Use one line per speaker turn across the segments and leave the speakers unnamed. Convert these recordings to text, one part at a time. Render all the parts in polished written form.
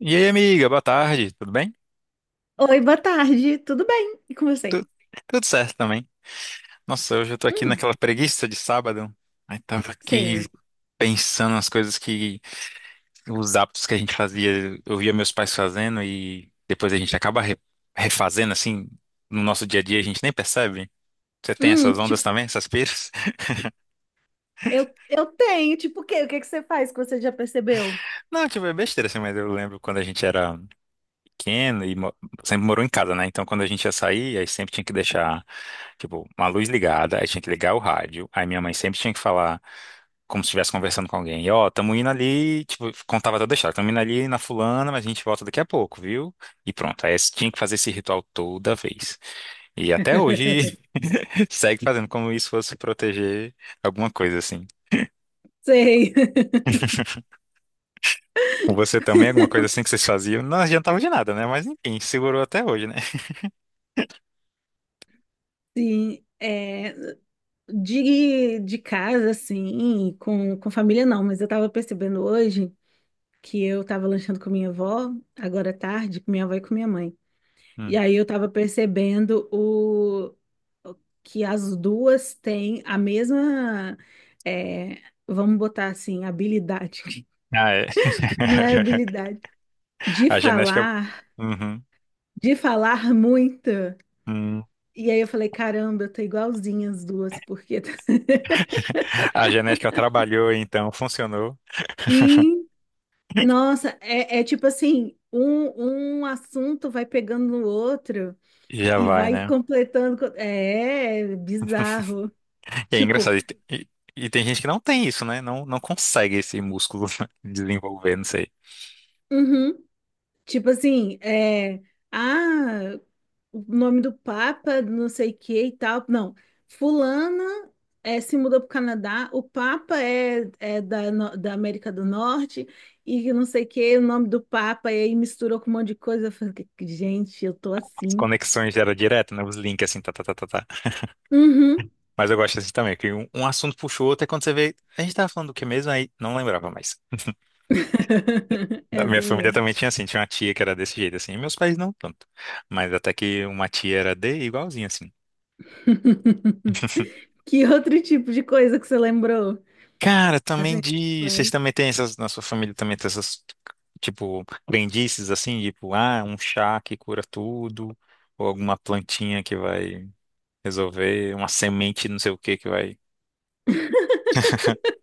E aí, amiga, boa tarde, tudo bem?
Oi, boa tarde, tudo bem? E com você?
Tu- Tudo certo também. Nossa, hoje eu tô aqui
Hum,
naquela preguiça de sábado. Aí tava aqui
sei.
pensando nas coisas que, os hábitos que a gente fazia, eu via meus pais fazendo e depois a gente acaba refazendo assim, no nosso dia a dia a gente nem percebe. Você tem essas ondas
Tipo,
também, essas piras?
eu tenho, tipo, o quê? O que que você faz que você já percebeu?
Não, tipo, é besteira assim, mas eu lembro quando a gente era pequeno e sempre morou em casa, né? Então, quando a gente ia sair, aí sempre tinha que deixar, tipo, uma luz ligada, aí tinha que ligar o rádio. Aí minha mãe sempre tinha que falar como se estivesse conversando com alguém. E, ó, tamo indo ali, tipo, contava toda a história. Tamo indo ali na fulana, mas a gente volta daqui a pouco, viu? E pronto. Tinha que fazer esse ritual toda vez. E até hoje segue fazendo como isso fosse proteger alguma coisa assim.
Sei.
Com você também, alguma coisa assim que vocês faziam, não adiantava de nada, né? Mas enfim, segurou até hoje, né?
Sim, é, de casa, assim, com família não, mas eu tava percebendo hoje que eu tava lanchando com minha avó, agora à tarde, com minha avó e com minha mãe. E
Hum.
aí eu tava percebendo o- que as duas têm a mesma, é, vamos botar assim, habilidade.
Ah, é.
Não é habilidade. De
A genética.
falar,
Uhum.
de falar muito.
Hum.
E aí eu falei, caramba, eu tô igualzinha as duas, porque
A genética trabalhou, então funcionou
sim, nossa, é, é tipo assim, um assunto vai pegando no outro
e já
e
vai,
vai
né?
completando. É, é bizarro.
E é
Tipo,
engraçado. E tem gente que não tem isso, né? Não, não consegue esse músculo desenvolver, não sei.
uhum. Tipo assim, é, ah, o nome do Papa, não sei o que e tal. Não, fulana é, se mudou para o Canadá, o Papa é, é da, no- da América do Norte e não sei o que, o nome do Papa, e aí misturou com um monte de coisa. Eu falei, gente, eu tô
As
assim.
conexões era direto, né? Os links assim, tá, tá, tá, tá, tá.
Uhum.
Mas eu gosto assim também, que um assunto puxou o outro, é quando você vê. A gente tava falando do que mesmo, aí não lembrava mais.
É
Da minha
assim
família
mesmo.
também tinha assim, tinha uma tia que era desse jeito, assim, e meus pais não tanto. Mas até que uma tia era de igualzinho, assim.
Que outro tipo de coisa que você lembrou?
Cara, também
Assim,
de. Vocês também têm essas. Na sua família também tem essas, tipo, crendices, assim, tipo, ah, um chá que cura tudo, ou alguma plantinha que vai resolver, uma semente não sei o que que vai.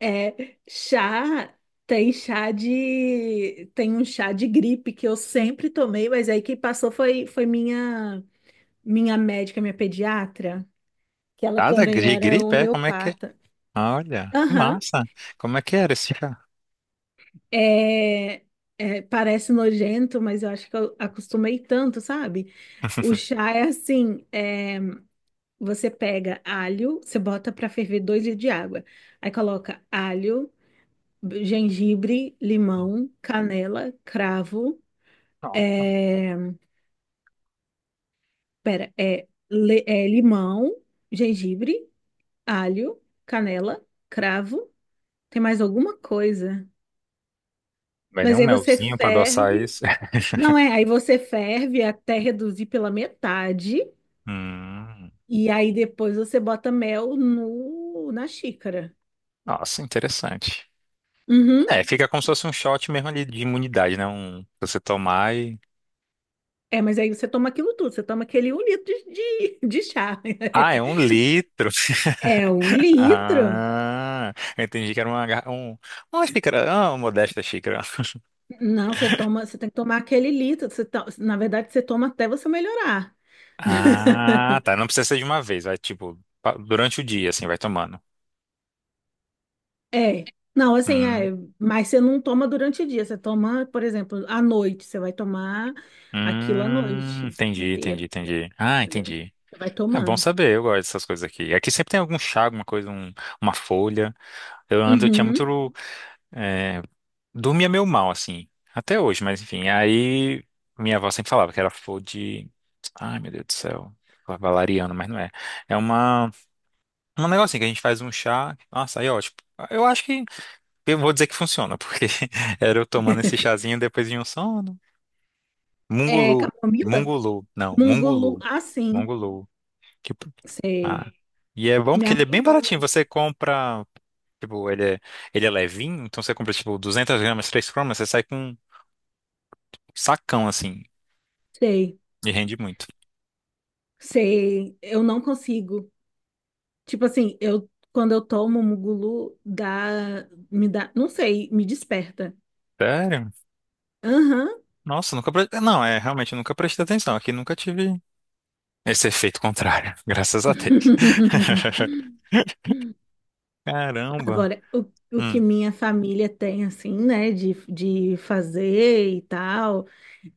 é, chá, tem um chá de gripe que eu sempre tomei, mas aí quem passou foi, minha médica, minha pediatra, que ela
Nada
também
de
era
gripe, é? Como é que é?
homeopata.
Olha, que
Aham,
massa. Como é que era esse chá?
é, é, parece nojento, mas eu acho que eu acostumei tanto, sabe? O chá é assim, é, você pega alho, você bota para ferver 2 litros de água, aí coloca alho, gengibre, limão, canela, cravo.
Nossa.
É, pera, é, é limão, gengibre, alho, canela, cravo. Tem mais alguma coisa?
Vai nem
Mas
um
aí você
melzinho pra adoçar
ferve.
isso.
Não é, aí você ferve até reduzir pela metade.
Hum,
E aí depois você bota mel no, na xícara.
nossa, interessante.
Uhum.
É, fica como se fosse um shot mesmo ali de imunidade, né? Um, você tomar e.
É, mas aí você toma aquilo tudo. Você toma aquele 1 litro de, de chá.
Ah, é um litro.
É um litro.
Ah, eu entendi que era uma, uma xícara, ah, uma modesta xícara.
Não, você toma, você tem que tomar aquele litro. Na verdade, você toma até você melhorar.
Ah, tá. Não precisa ser de uma vez, vai tipo durante o dia, assim, vai tomando.
É. Não, assim, é,
Hum,
mas você não toma durante o dia, você toma, por exemplo, à noite, você vai tomar aquilo à noite
entendi, entendi,
inteiro,
entendi. Ah,
entendeu?
entendi.
Você vai
É bom
tomando.
saber, eu gosto dessas coisas aqui. Aqui sempre tem algum chá, alguma coisa, uma folha. Eu ando, eu tinha muito.
Uhum.
É, dormia meio mal, assim. Até hoje, mas enfim. Aí minha avó sempre falava que era flor de. Ai, meu Deus do céu. Valeriana, mas não é. É uma, um negocinho que a gente faz um chá. Nossa, aí é ótimo. Eu acho que. Eu vou dizer que funciona, porque era eu tomando esse chazinho depois de um sono.
É
Mungulu.
camomila?
Mungulu. Não,
Mungulu,
mungulu.
ah, sim,
Mungulu. Tipo,
sei.
ah, e é bom porque
Minha
ele é
mãe
bem
toma
baratinho.
isso.
Você compra, tipo, ele é levinho, então você compra, tipo, 200 gramas, 3 cromas, você sai com um sacão, assim,
Sei,
e rende muito.
eu não consigo. Tipo assim, eu quando eu tomo mungulu, me dá, não sei, me desperta.
Sério?
Aham.
Nossa, nunca... pre- não, é, realmente, eu nunca prestei atenção. Aqui nunca tive esse efeito contrário, graças a Deus. Caramba.
Agora, o
Hum,
que minha família tem, assim, né, de fazer e tal,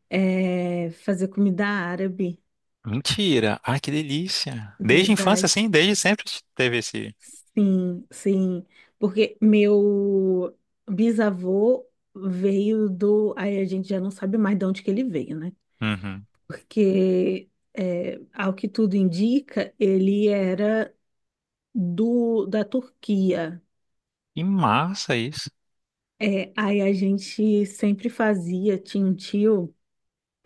é fazer comida árabe,
mentira. Ai, que delícia. Desde a infância,
verdade.
assim, desde sempre teve esse...
Sim, sim. Porque meu bisavô veio do... Aí a gente já não sabe mais de onde que ele veio, né?
Uhum.
Porque, é, ao que tudo indica, ele era da Turquia.
Que massa isso.
É, aí a gente sempre fazia, tinha um tio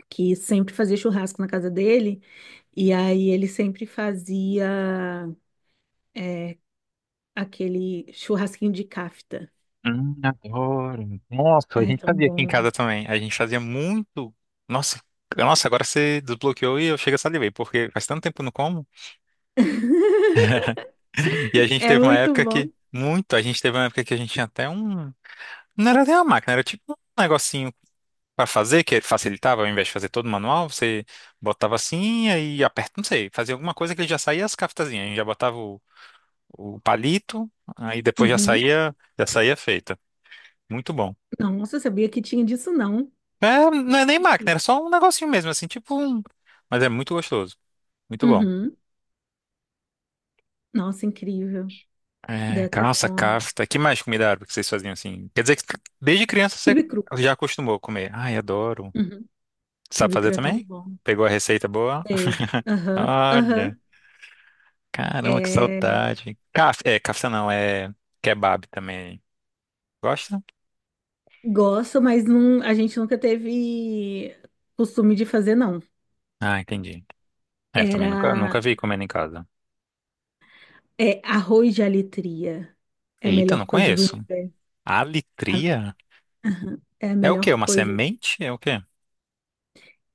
que sempre fazia churrasco na casa dele, e aí ele sempre fazia é, aquele churrasquinho de cafta.
Adoro. Nossa, a
Ai, é
gente
tão
fazia aqui em
bom.
casa também. A gente fazia muito. Nossa, nossa, agora você desbloqueou e eu chego a salivei, porque faz tanto tempo que eu não como. E a gente
É
teve uma
muito
época
bom.
que. Muito. A gente teve uma época que a gente tinha até um. Não era nem uma máquina, era tipo um negocinho pra fazer, que facilitava, ao invés de fazer todo manual, você botava assim e aí aperta, não sei, fazia alguma coisa que ele já saía as caftazinhas. A gente já botava o palito, aí depois
Uhum.
já saía feita. Muito bom.
Nossa, eu sabia que tinha disso, não.
É, não é nem máquina, era só um negocinho mesmo, assim, tipo um. Mas é muito gostoso, muito bom.
Uhum. Nossa, incrível. Deu
É,
até
calça,
fome.
kafta. Que mais comida árabe que vocês faziam assim? Quer dizer que desde criança você
Quibe cru.
já acostumou a comer. Ai, adoro.
Uhum.
Sabe
Quibe
fazer
cru é tão
também?
bom.
Pegou a receita boa?
Sei. Aham, aham.
Olha, caramba, que
É,
saudade. Kaf, é, kafta não, é kebab também. Gosta?
gosto, mas não, a gente nunca teve costume de fazer, não.
Ah, entendi. É, eu também nunca, nunca
Era...
vi comendo em casa.
é arroz de alitria. É a
Eita, não
melhor coisa do
conheço.
universo. A-
Alitria?
É a
É o quê?
melhor
Uma
coisa.
semente? É o quê?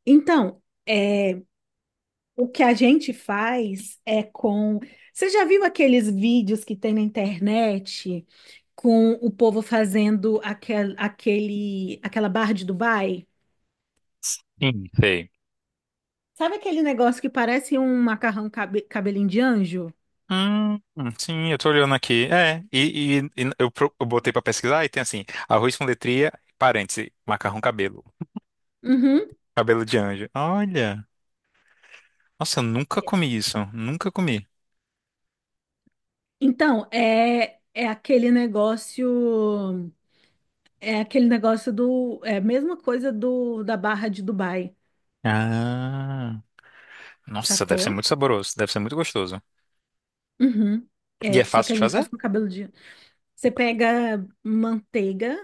Então, é, o que a gente faz é com... Você já viu aqueles vídeos que tem na internet com o povo fazendo aquela barra de Dubai?
Sim, sei.
Sabe aquele negócio que parece um macarrão cabelinho de anjo?
Hum, sim, eu tô olhando aqui. É, e eu, eu botei pra pesquisar e tem assim, arroz com letria, parêntese, macarrão cabelo,
Uhum.
cabelo de anjo. Olha, nossa, eu nunca comi isso, nunca comi.
Então, é, é aquele negócio. É aquele negócio do... É a mesma coisa do da barra de Dubai,
Ah, nossa, deve ser
sacou?
muito saboroso, deve ser muito gostoso.
Uhum.
E é
É, só
fácil
que a
de
gente faz
fazer?
com cabelo de... Você pega manteiga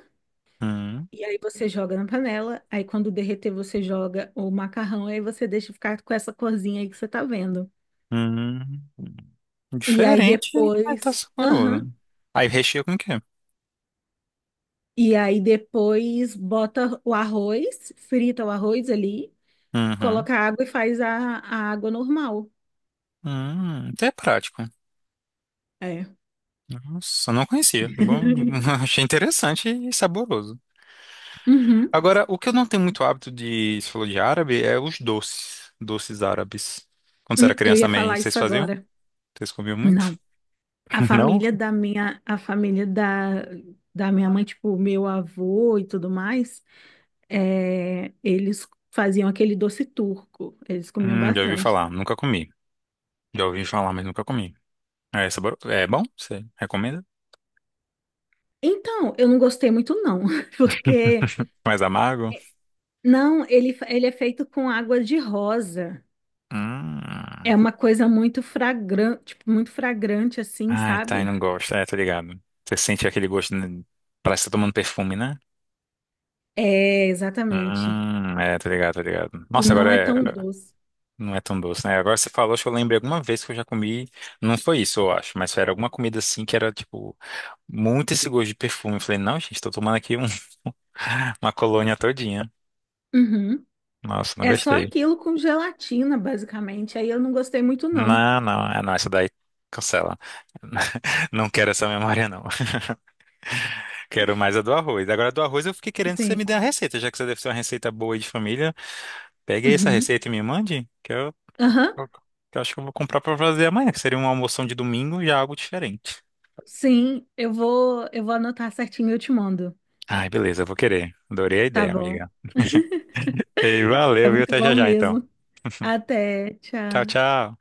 Hum,
e aí você joga na panela. Aí quando derreter, você joga o macarrão. Aí você deixa ficar com essa corzinha aí que você tá vendo.
hum,
E aí
diferente, mas tá
depois. Aham.
saboroso. Aí recheia com o quê?
E aí depois bota o arroz, frita o arroz ali,
Uhum,
coloca água e faz a água normal.
até é prático.
É.
Nossa, não conhecia. Bom, achei interessante e saboroso.
Uhum.
Agora, o que eu não tenho muito hábito de, se falou de árabe, é os doces, doces árabes. Quando você era
Eu
criança
ia
também,
falar
vocês
isso
faziam?
agora.
Vocês comiam muito?
Não.
Não?
A família da, da minha mãe, tipo, meu avô e tudo mais, é, eles faziam aquele doce turco, eles comiam
Já ouvi
bastante.
falar, nunca comi. Já ouvi falar, mas nunca comi. É, é sabor... é bom? Você recomenda?
Então, eu não gostei muito não, porque
Mais amargo?
não, ele é feito com água de rosa.
Hum.
É uma coisa muito fragrante, tipo, muito fragrante assim,
Ai, tá, eu
sabe?
não gosto. É, tô ligado. Você sente aquele gosto, né? Parece que tá tomando perfume, né?
É, exatamente.
É, tô ligado, tô ligado.
E
Nossa,
não
agora
é tão
é
doce.
não é tão doce, né? Agora você falou, acho que eu lembrei alguma vez que eu já comi. Não foi isso, eu acho, mas era alguma comida assim que era, tipo, muito esse gosto de perfume. Eu falei, não, gente, tô tomando aqui uma colônia todinha.
Uhum.
Nossa, não
É só
gostei.
aquilo com gelatina, basicamente. Aí eu não gostei muito não.
Não, não, é não, essa daí cancela. Não quero essa memória, não. Quero mais a do arroz. Agora, a do arroz, eu fiquei querendo que você
Assim,
me dê a receita, já que você deve ser uma receita boa aí de família. Pegue aí essa
uhum.
receita e me mande,
Aham.
que eu acho que eu vou comprar pra fazer amanhã, que seria uma almoção de domingo e já algo diferente.
Sim, eu vou anotar certinho e eu te mando.
Ai, beleza, eu vou querer. Adorei a
Tá
ideia,
bom.
amiga. E
É
valeu, viu?
muito
Até
bom
já já, então.
mesmo. Até,
Tchau,
tchau.
tchau.